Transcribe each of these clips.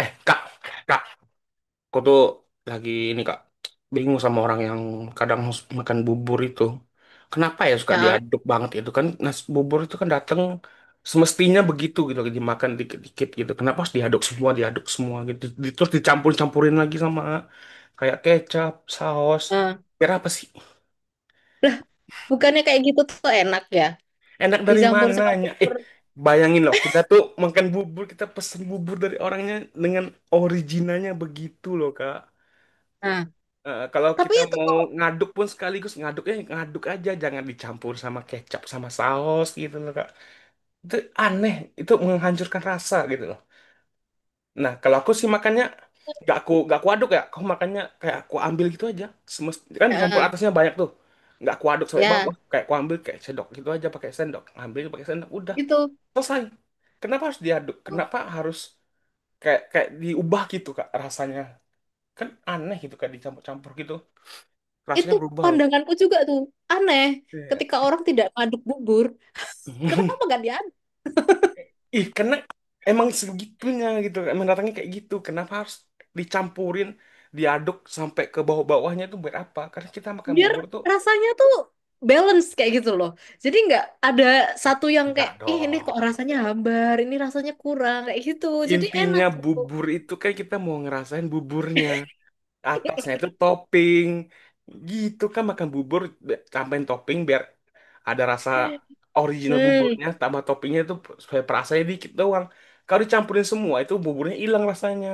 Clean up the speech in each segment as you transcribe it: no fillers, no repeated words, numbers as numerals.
Eh, Kak, Kak, aku tuh lagi ini, Kak, bingung sama orang yang kadang makan bubur itu. Kenapa ya suka Nah, diaduk banget itu kan nasi bubur itu kan datang semestinya begitu gitu lagi dimakan dikit-dikit gitu. Kenapa harus diaduk semua gitu. Terus dicampur-campurin lagi sama kayak kecap, saus. eh. Kira apa sih? Lah, bukannya kayak gitu tuh enak ya? Enak dari mananya? Dicampur-campur. Bayangin loh, kita tuh makan bubur, kita pesen bubur dari orangnya dengan originalnya begitu loh, Kak. Nah, Eh, kalau tapi kita itu mau ngaduk pun sekaligus ngaduknya ngaduk aja, jangan dicampur sama kecap sama saus gitu loh Kak. Itu aneh, itu menghancurkan rasa gitu loh. Nah, kalau aku sih makannya gak aku aduk ya, aku makannya kayak aku ambil gitu aja. Semest kan dicampur eh, atasnya banyak tuh. Nggak aku aduk sampai ya bawah, kayak aku ambil kayak sendok gitu aja pakai sendok, ambil pakai sendok udah gitu. selesai. Kenapa harus diaduk? Oh, Kenapa harus kayak kayak diubah gitu Kak rasanya? Kan aneh gitu kak dicampur-campur gitu. Rasanya itu berubah loh. pandanganku juga tuh aneh Iya. ketika orang tidak ngaduk bubur. Kenapa gak diaduk? Ih, karena emang segitunya gitu, emang datangnya kayak gitu. Kenapa harus dicampurin, diaduk sampai ke bawah-bawahnya itu buat apa? Karena kita makan Biar bubur tuh, rasanya tuh balance kayak gitu loh. Jadi nggak ada eh, satu yang enggak kayak ih ini dong. kok rasanya hambar, ini rasanya kurang kayak gitu. Jadi enak Intinya tuh. bubur itu kan kita mau ngerasain buburnya. Atasnya itu topping. Gitu kan makan bubur, tambahin topping biar ada rasa original Hmm. buburnya, tambah toppingnya itu supaya perasanya dikit doang. Kalau dicampurin semua itu buburnya hilang rasanya.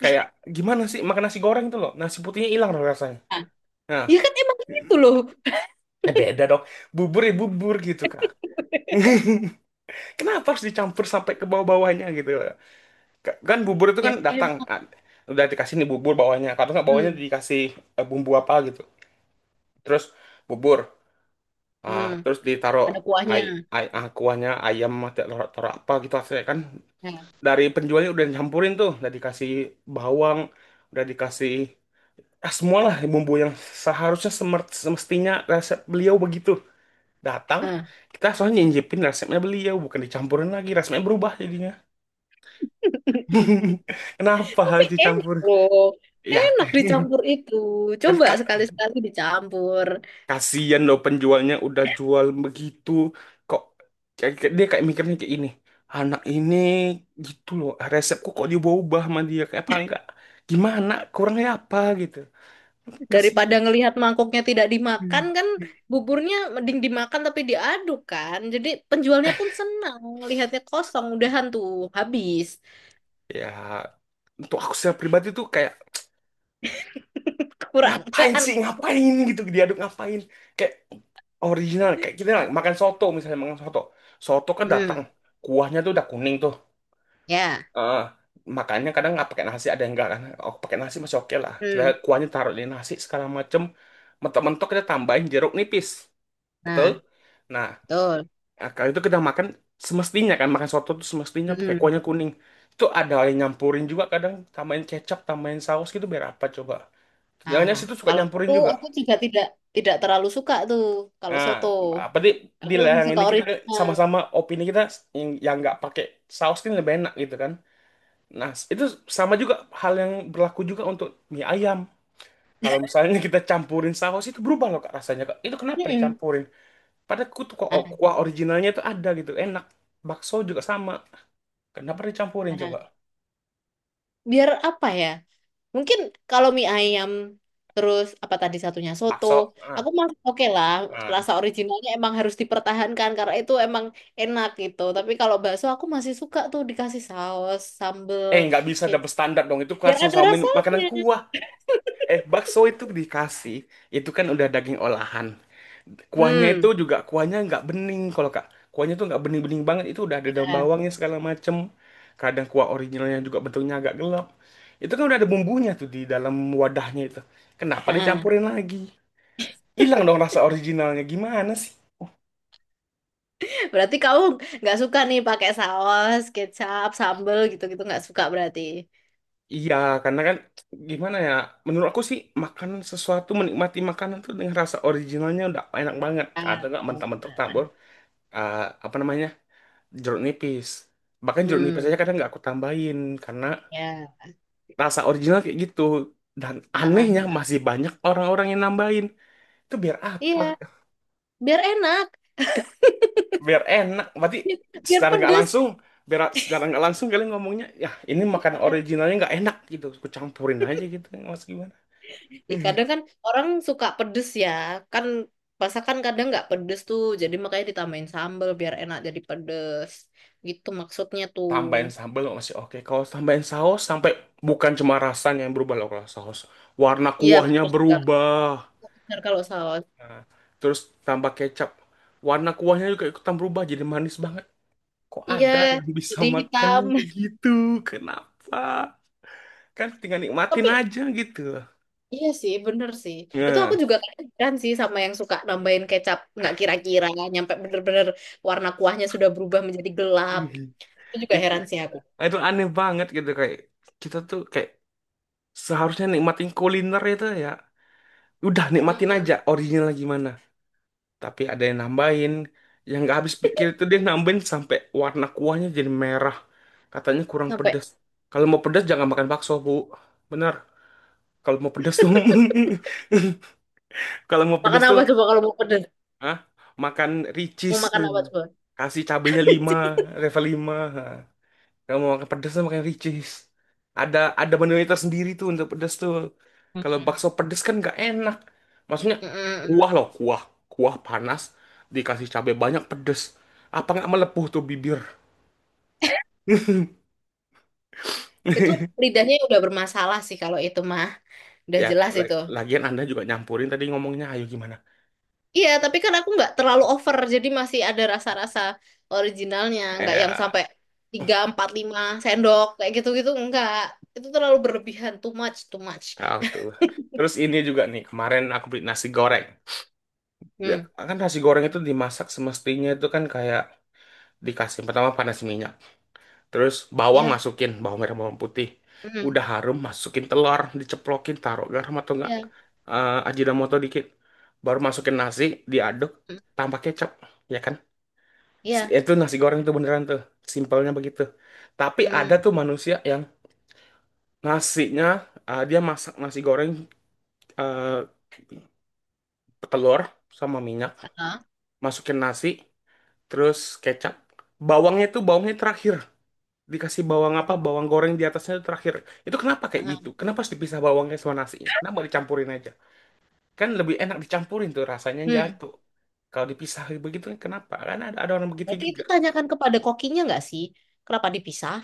Kayak gimana sih makan nasi goreng itu loh. Nasi putihnya hilang loh rasanya. Nah, Nah, ya kan emang gitu loh. eh beda dong. Bubur ya bubur gitu kan. Kenapa harus dicampur sampai ke bawah-bawahnya gitu? Kan bubur itu kan Ya datang enak. kan. Udah dikasih nih bubur bawahnya. Kalau nggak bawahnya Hmm. dikasih bumbu apa gitu. Terus bubur. Ah, Hmm. terus ditaruh Ada ay kuahnya. ay ah, kuahnya ayam atau taruh, taruh apa gitu. Akhirnya kan Nah, dari penjualnya udah nyampurin tuh, udah dikasih bawang, udah dikasih semualah bumbu yang seharusnya semestinya resep beliau begitu. Datang, nah. kita soalnya nyicipin resepnya beliau, bukan dicampurin lagi. Resepnya berubah jadinya. Kenapa Tapi harus enak dicampur? loh. Ya, Enak dicampur itu. kan Coba kak, sekali-sekali dicampur. kasihan loh penjualnya udah jual begitu. Kok dia kayak mikirnya kayak ini. Anak ini gitu loh, resepku kok diubah sama dia. Kayak apa enggak? Gimana? Kurangnya apa gitu. Kasihan. Daripada ngelihat mangkoknya tidak dimakan Hmm. kan buburnya mending dimakan tapi diaduk kan. Jadi penjualnya pun senang ngelihatnya kosong udahan tuh habis. Ya, untuk aku secara pribadi tuh kayak Kurang. ngapain sih, ngapain gitu diaduk, ngapain kayak original kayak kita lah makan soto, misalnya makan soto soto kan datang Hmm, kuahnya tuh udah kuning tuh. ya. Eh, makannya kadang nggak pakai nasi, ada yang enggak kan, oh pakai nasi masih oke lah, kita Hmm. kuahnya taruh di nasi segala macem, mentok-mentok kita tambahin jeruk nipis, betul, Nah, nah betul. eh, kalau itu kita makan semestinya kan makan soto tuh semestinya pakai Hmm. kuahnya kuning. Itu ada yang nyampurin juga, kadang tambahin kecap, tambahin saus gitu biar apa coba, Nah, jangan-jangan situ suka kalau itu nyampurin juga. aku juga tidak tidak terlalu suka tuh kalau soto. Nah, apa di Aku lebih yang suka ini kita original. sama-sama opini kita yang nggak pakai saus kan lebih enak gitu kan. Nah, itu sama juga hal yang berlaku juga untuk mie ayam. Kalau misalnya kita campurin saus itu berubah loh Kak, rasanya Kak. Itu kenapa Hmm. dicampurin? Padahal kutu kok Ah, kuah originalnya itu ada gitu, enak. Bakso juga sama. Kenapa dicampurin coba? ah. Biar apa ya? Mungkin kalau mie ayam terus apa tadi satunya soto, Bakso. Ah, aku masih oke lah. ah. Rasa originalnya emang harus dipertahankan karena itu emang enak gitu. Tapi kalau bakso aku masih suka tuh dikasih saus, sambel, Eh, nggak bisa kecap. double standar dong. Itu kan Biar ada sama makanan rasanya. kuah. Eh, bakso itu dikasih. Itu kan udah daging olahan. Kuahnya itu Hmm. juga kuahnya nggak bening kalau Kak. Kuahnya tuh nggak bening-bening banget. Itu udah ada daun Ya. bawangnya segala macem. Kadang kuah originalnya juga bentuknya agak gelap. Itu kan udah ada bumbunya tuh di dalam wadahnya itu. Kenapa Heeh. dicampurin lagi? Hilang dong rasa originalnya. Gimana sih? Berarti kamu nggak suka nih pakai saus, kecap, sambel gitu-gitu nggak suka berarti. Iya, karena kan gimana ya? Menurut aku sih makanan sesuatu menikmati makanan tuh dengan rasa originalnya udah enak banget. Atau Ah, nggak mentah-mentah tabur apa namanya jeruk nipis. Bahkan jeruk nipis hmm. aja kadang nggak aku tambahin karena Ya. rasa original kayak gitu dan Ah, ah, anehnya ah. masih banyak orang-orang yang nambahin itu biar apa, Iya, biar enak. biar enak berarti Biar secara nggak pedes. langsung, biar secara nggak langsung kalian ngomongnya ya ini makan originalnya nggak enak gitu, kucampurin aja gitu mas gimana. Ih, kadang kan orang suka pedes ya kan masakan kadang nggak pedes tuh jadi makanya ditambahin sambal biar enak jadi pedes gitu maksudnya tuh. Tambahin sambal masih oke, kalau tambahin saus sampai bukan cuma rasanya yang berubah loh kalau saus, warna Iya kuahnya bener sih, berubah. kalau bener kalau saus. Nah, terus tambah kecap, warna kuahnya juga ikutan berubah jadi manis banget. Kok Iya, ada yang bisa jadi makan hitam. yang begitu? Kenapa? Kan tinggal nikmatin Tapi aja gitu. iya sih bener sih itu aku Nah, juga kan sih sama yang suka nambahin kecap nggak kira-kira nyampe bener-bener warna kuahnya sudah berubah menjadi gelap itu juga itu heran sih aku. itu aneh banget gitu kayak kita tuh kayak seharusnya nikmatin kuliner itu ya. Udah nikmatin aja Mm-mm. original gimana. Tapi ada yang nambahin yang nggak habis pikir itu, dia nambahin sampai warna kuahnya jadi merah. Katanya kurang Sampai pedas. Kalau mau pedas jangan makan bakso, Bu. Benar. Kalau mau pedas tuh kalau mau makan pedas tuh. apa coba kalau mau pedes, Hah? Makan mau ricis. makan apa coba. Kasih cabenya lima, level 5 kalau mau makan pedes makan ricis. Ada menunya tersendiri tuh untuk pedes tuh. Kalau Mm. bakso pedes kan nggak enak. Maksudnya Mm-mm. kuah loh, kuah. Kuah panas dikasih cabai banyak pedes. Apa nggak melepuh tuh bibir? Itu lidahnya ya udah bermasalah sih kalau itu mah. Udah Ya, jelas itu. lagian Anda juga nyampurin tadi ngomongnya, ayo gimana? Iya, tapi kan aku nggak terlalu over. Jadi masih ada rasa-rasa originalnya. Nggak yang Eh, sampai 3 4 5 sendok. Kayak gitu-gitu. Nggak. Itu terlalu berlebihan. Too much, too much. ah, tuh. Terus ini juga nih, kemarin aku beli nasi goreng. Ya Hmm. kan nasi goreng itu dimasak semestinya itu kan kayak dikasih pertama panas minyak, terus bawang, Ya. masukin bawang merah bawang putih, Hmm. udah harum masukin telur diceplokin, taruh garam atau enggak Iya. Ajinomoto dikit, baru masukin nasi, diaduk, Hmm. tambah kecap, ya kan. Iya. Itu nasi goreng itu beneran tuh simpelnya begitu, tapi ada Hmm. tuh manusia yang nasinya dia masak nasi goreng, eh, telur sama minyak, Ah. masukin nasi, terus kecap. Bawangnya tuh bawangnya terakhir. Dikasih bawang apa? Ah. Bawang goreng di atasnya itu terakhir. Itu kenapa kayak gitu? Ah. Kenapa harus dipisah bawangnya sama nasinya? Kenapa dicampurin aja? Kan lebih enak dicampurin tuh rasanya Hmm. jatuh. Kalau dipisah begitu kenapa? Kan ada orang begitu Berarti juga. itu tanyakan kepada kokinya nggak sih? Kenapa dipisah?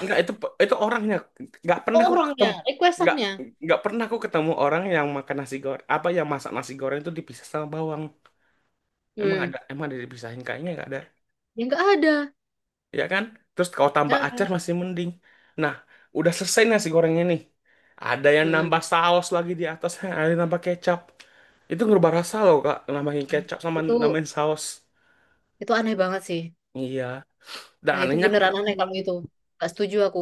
Enggak, itu orangnya nggak pernah Oh, aku ketemu, orangnya. nggak Requestannya. nggak pernah aku ketemu orang yang makan nasi goreng apa yang masak nasi goreng itu dipisah sama bawang. Emang Hmm. ada emang ada dipisahin kayaknya nggak ada. Ya nggak ada. Ya kan? Terus kalau tambah Nah, acar masih mending. Nah, udah selesai nasi gorengnya nih. Ada yang nambah mm-mm. saus lagi di atasnya, ada yang nambah kecap. Itu ngerubah rasa loh, Kak, nambahin kecap sama Itu nambahin saus. itu aneh banget sih. Iya. Dan Nah, itu anehnya aku beneran ketemu. aneh kalau itu. Gak setuju aku.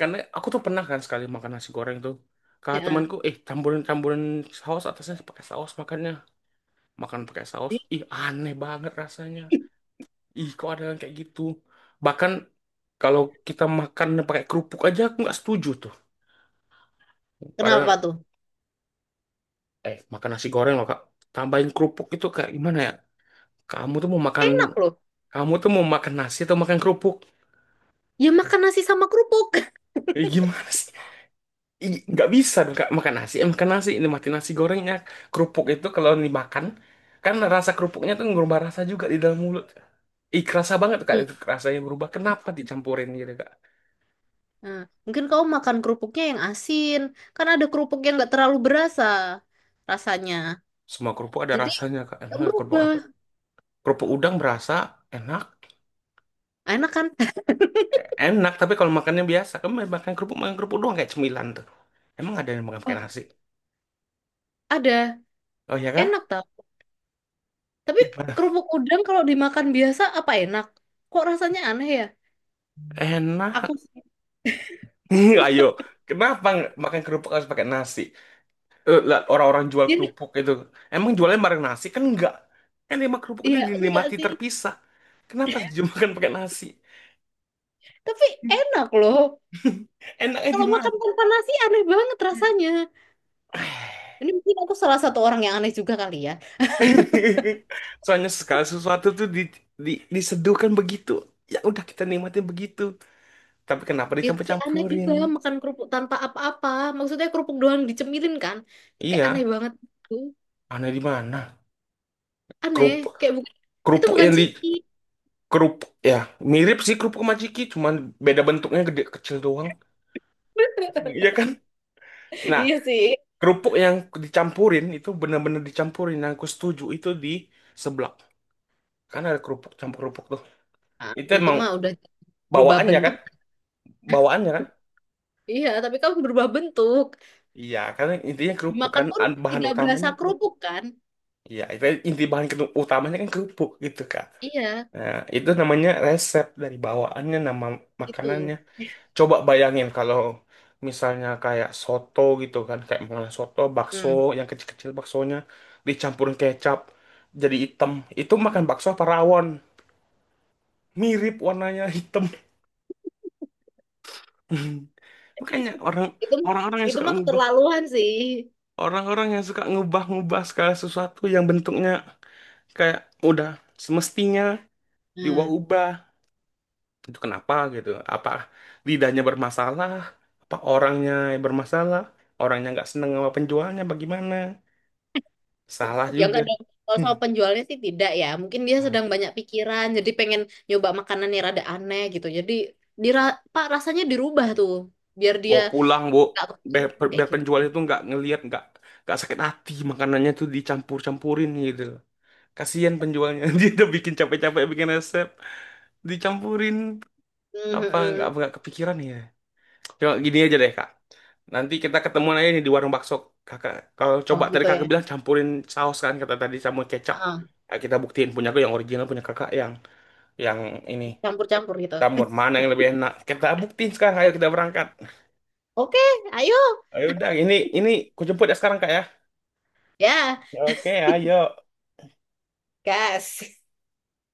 Karena aku tuh pernah kan sekali makan nasi goreng tuh. Kata Ya, eh. temanku, eh campurin-campurin saus atasnya pakai saus makannya. Makan pakai saus. Ih, Ih, aneh banget rasanya. Ih, kok ada yang kayak gitu. Bahkan kalau kita makan pakai kerupuk aja aku nggak setuju tuh. kenapa Padahal, tuh? Makan nasi goreng loh, Kak. Tambahin kerupuk itu kayak gimana ya? Kamu tuh mau makan, Enak loh. Kamu tuh mau makan nasi atau makan kerupuk? Ya makan nasi sama kerupuk. Eh, gimana sih? Ih, nggak bisa dong, Kak. Makan nasi. Nikmatin nasi gorengnya. Kerupuk itu kalau dimakan, kan rasa kerupuknya tuh ngerubah rasa juga di dalam mulut. Ih, kerasa banget, Kak. Itu Hmm. rasanya berubah. Kenapa dicampurin gitu, Kak? Nah, mungkin kau makan kerupuknya yang asin. Kan ada kerupuk yang gak terlalu berasa rasanya. Semua kerupuk ada Jadi rasanya, Kak. gak Emang kerupuk berubah. apa? Kerupuk udang berasa enak. Enak kan? Enak, tapi kalau makannya biasa, kamu makan kerupuk doang kayak cemilan tuh. Emang ada yang makan pakai Wah, nasi? ada. Oh ya kah? Enak tau. Tapi Ibadah. kerupuk udang kalau dimakan biasa apa enak? Kok rasanya aneh ya? Aku Enak. sih. Ayo, kenapa nggak makan kerupuk harus pakai nasi? Eh, lah, orang-orang jual Dia- kerupuk itu, emang jualnya bareng nasi kan enggak? Kan lima kerupuk itu Iya, enggak dinikmati sih. terpisah. Kenapa harus dimakan pakai nasi? Tapi enak loh. Enaknya di Kalau mana? makan tanpa nasi aneh banget rasanya. Ini mungkin aku salah satu orang yang aneh juga kali ya. Soalnya segala sesuatu tuh diseduhkan begitu. Ya udah kita nikmatin begitu. Tapi kenapa Ya tapi aneh dicampur-campurin? juga makan kerupuk tanpa apa-apa. Maksudnya kerupuk doang dicemilin kan. Itu kayak aneh Iya, banget gitu. aneh di mana? Aneh. Kerupuk, Kayak bukan, itu kerupuk bukan yang di ciki. Kerupuk ya, mirip sih kerupuk majiki, cuman beda bentuknya gede kecil doang. Iya kan? Nah, Iya sih. kerupuk yang dicampurin itu benar-benar dicampurin. Yang aku setuju itu di seblak. Kan ada kerupuk campur kerupuk tuh. Nah, Itu itu emang mah udah berubah bawaannya kan? bentuk. Bawaannya kan? Iya, tapi kamu berubah bentuk. Iya, karena intinya kerupuk Dimakan kan pun bahan tidak berasa utamanya kerupuk. kerupuk kan. Iya, itu inti bahan utamanya kan kerupuk gitu, Kak. Iya, Nah, itu namanya resep dari bawaannya, nama itu. makanannya. Coba bayangin kalau misalnya kayak soto gitu kan, kayak makanan soto, bakso, Hmm. yang kecil-kecil baksonya, dicampurin kecap, jadi hitam. Itu makan bakso apa rawon? Mirip warnanya hitam. Makanya Itu orang-orang yang itu suka mah ngubah, keterlaluan sih. orang-orang yang suka ngubah-ngubah segala sesuatu yang bentuknya kayak udah semestinya Nah. diubah-ubah. Itu kenapa gitu, apa lidahnya bermasalah, apa orangnya yang bermasalah, orangnya nggak seneng sama penjualnya bagaimana, salah Ya juga. enggak dong. Kalau Hmm. soal penjualnya sih tidak ya. Mungkin dia sedang banyak pikiran, jadi pengen nyoba makanan yang rada aneh gitu. Jadi dira Pak rasanya dirubah tuh, biar dia Bawa pulang bu, nggak biar, kepikiran kayak biar gitu. penjual itu nggak ngelihat nggak sakit hati makanannya tuh dicampur-campurin gitu loh, kasihan penjualnya. Dia udah bikin capek-capek bikin resep dicampurin, Hmm, hmm, apa hmm. nggak kepikiran ya. Coba gini aja deh kak. Nanti kita ketemuan aja nih di warung bakso kakak. Kalau Oh coba tadi gitu ya. kakak bilang campurin saus kan kata tadi sama kecap. Ah, Nah, kita buktiin, punya aku yang original, punya kakak yang ini, campur-campur gitu. jamur mana yang lebih enak. Kita buktiin sekarang. Ayo kita berangkat. Oke, ayo Ayo udah ini ku jemput ya sekarang kak ya. ya, Oke ayo. gas.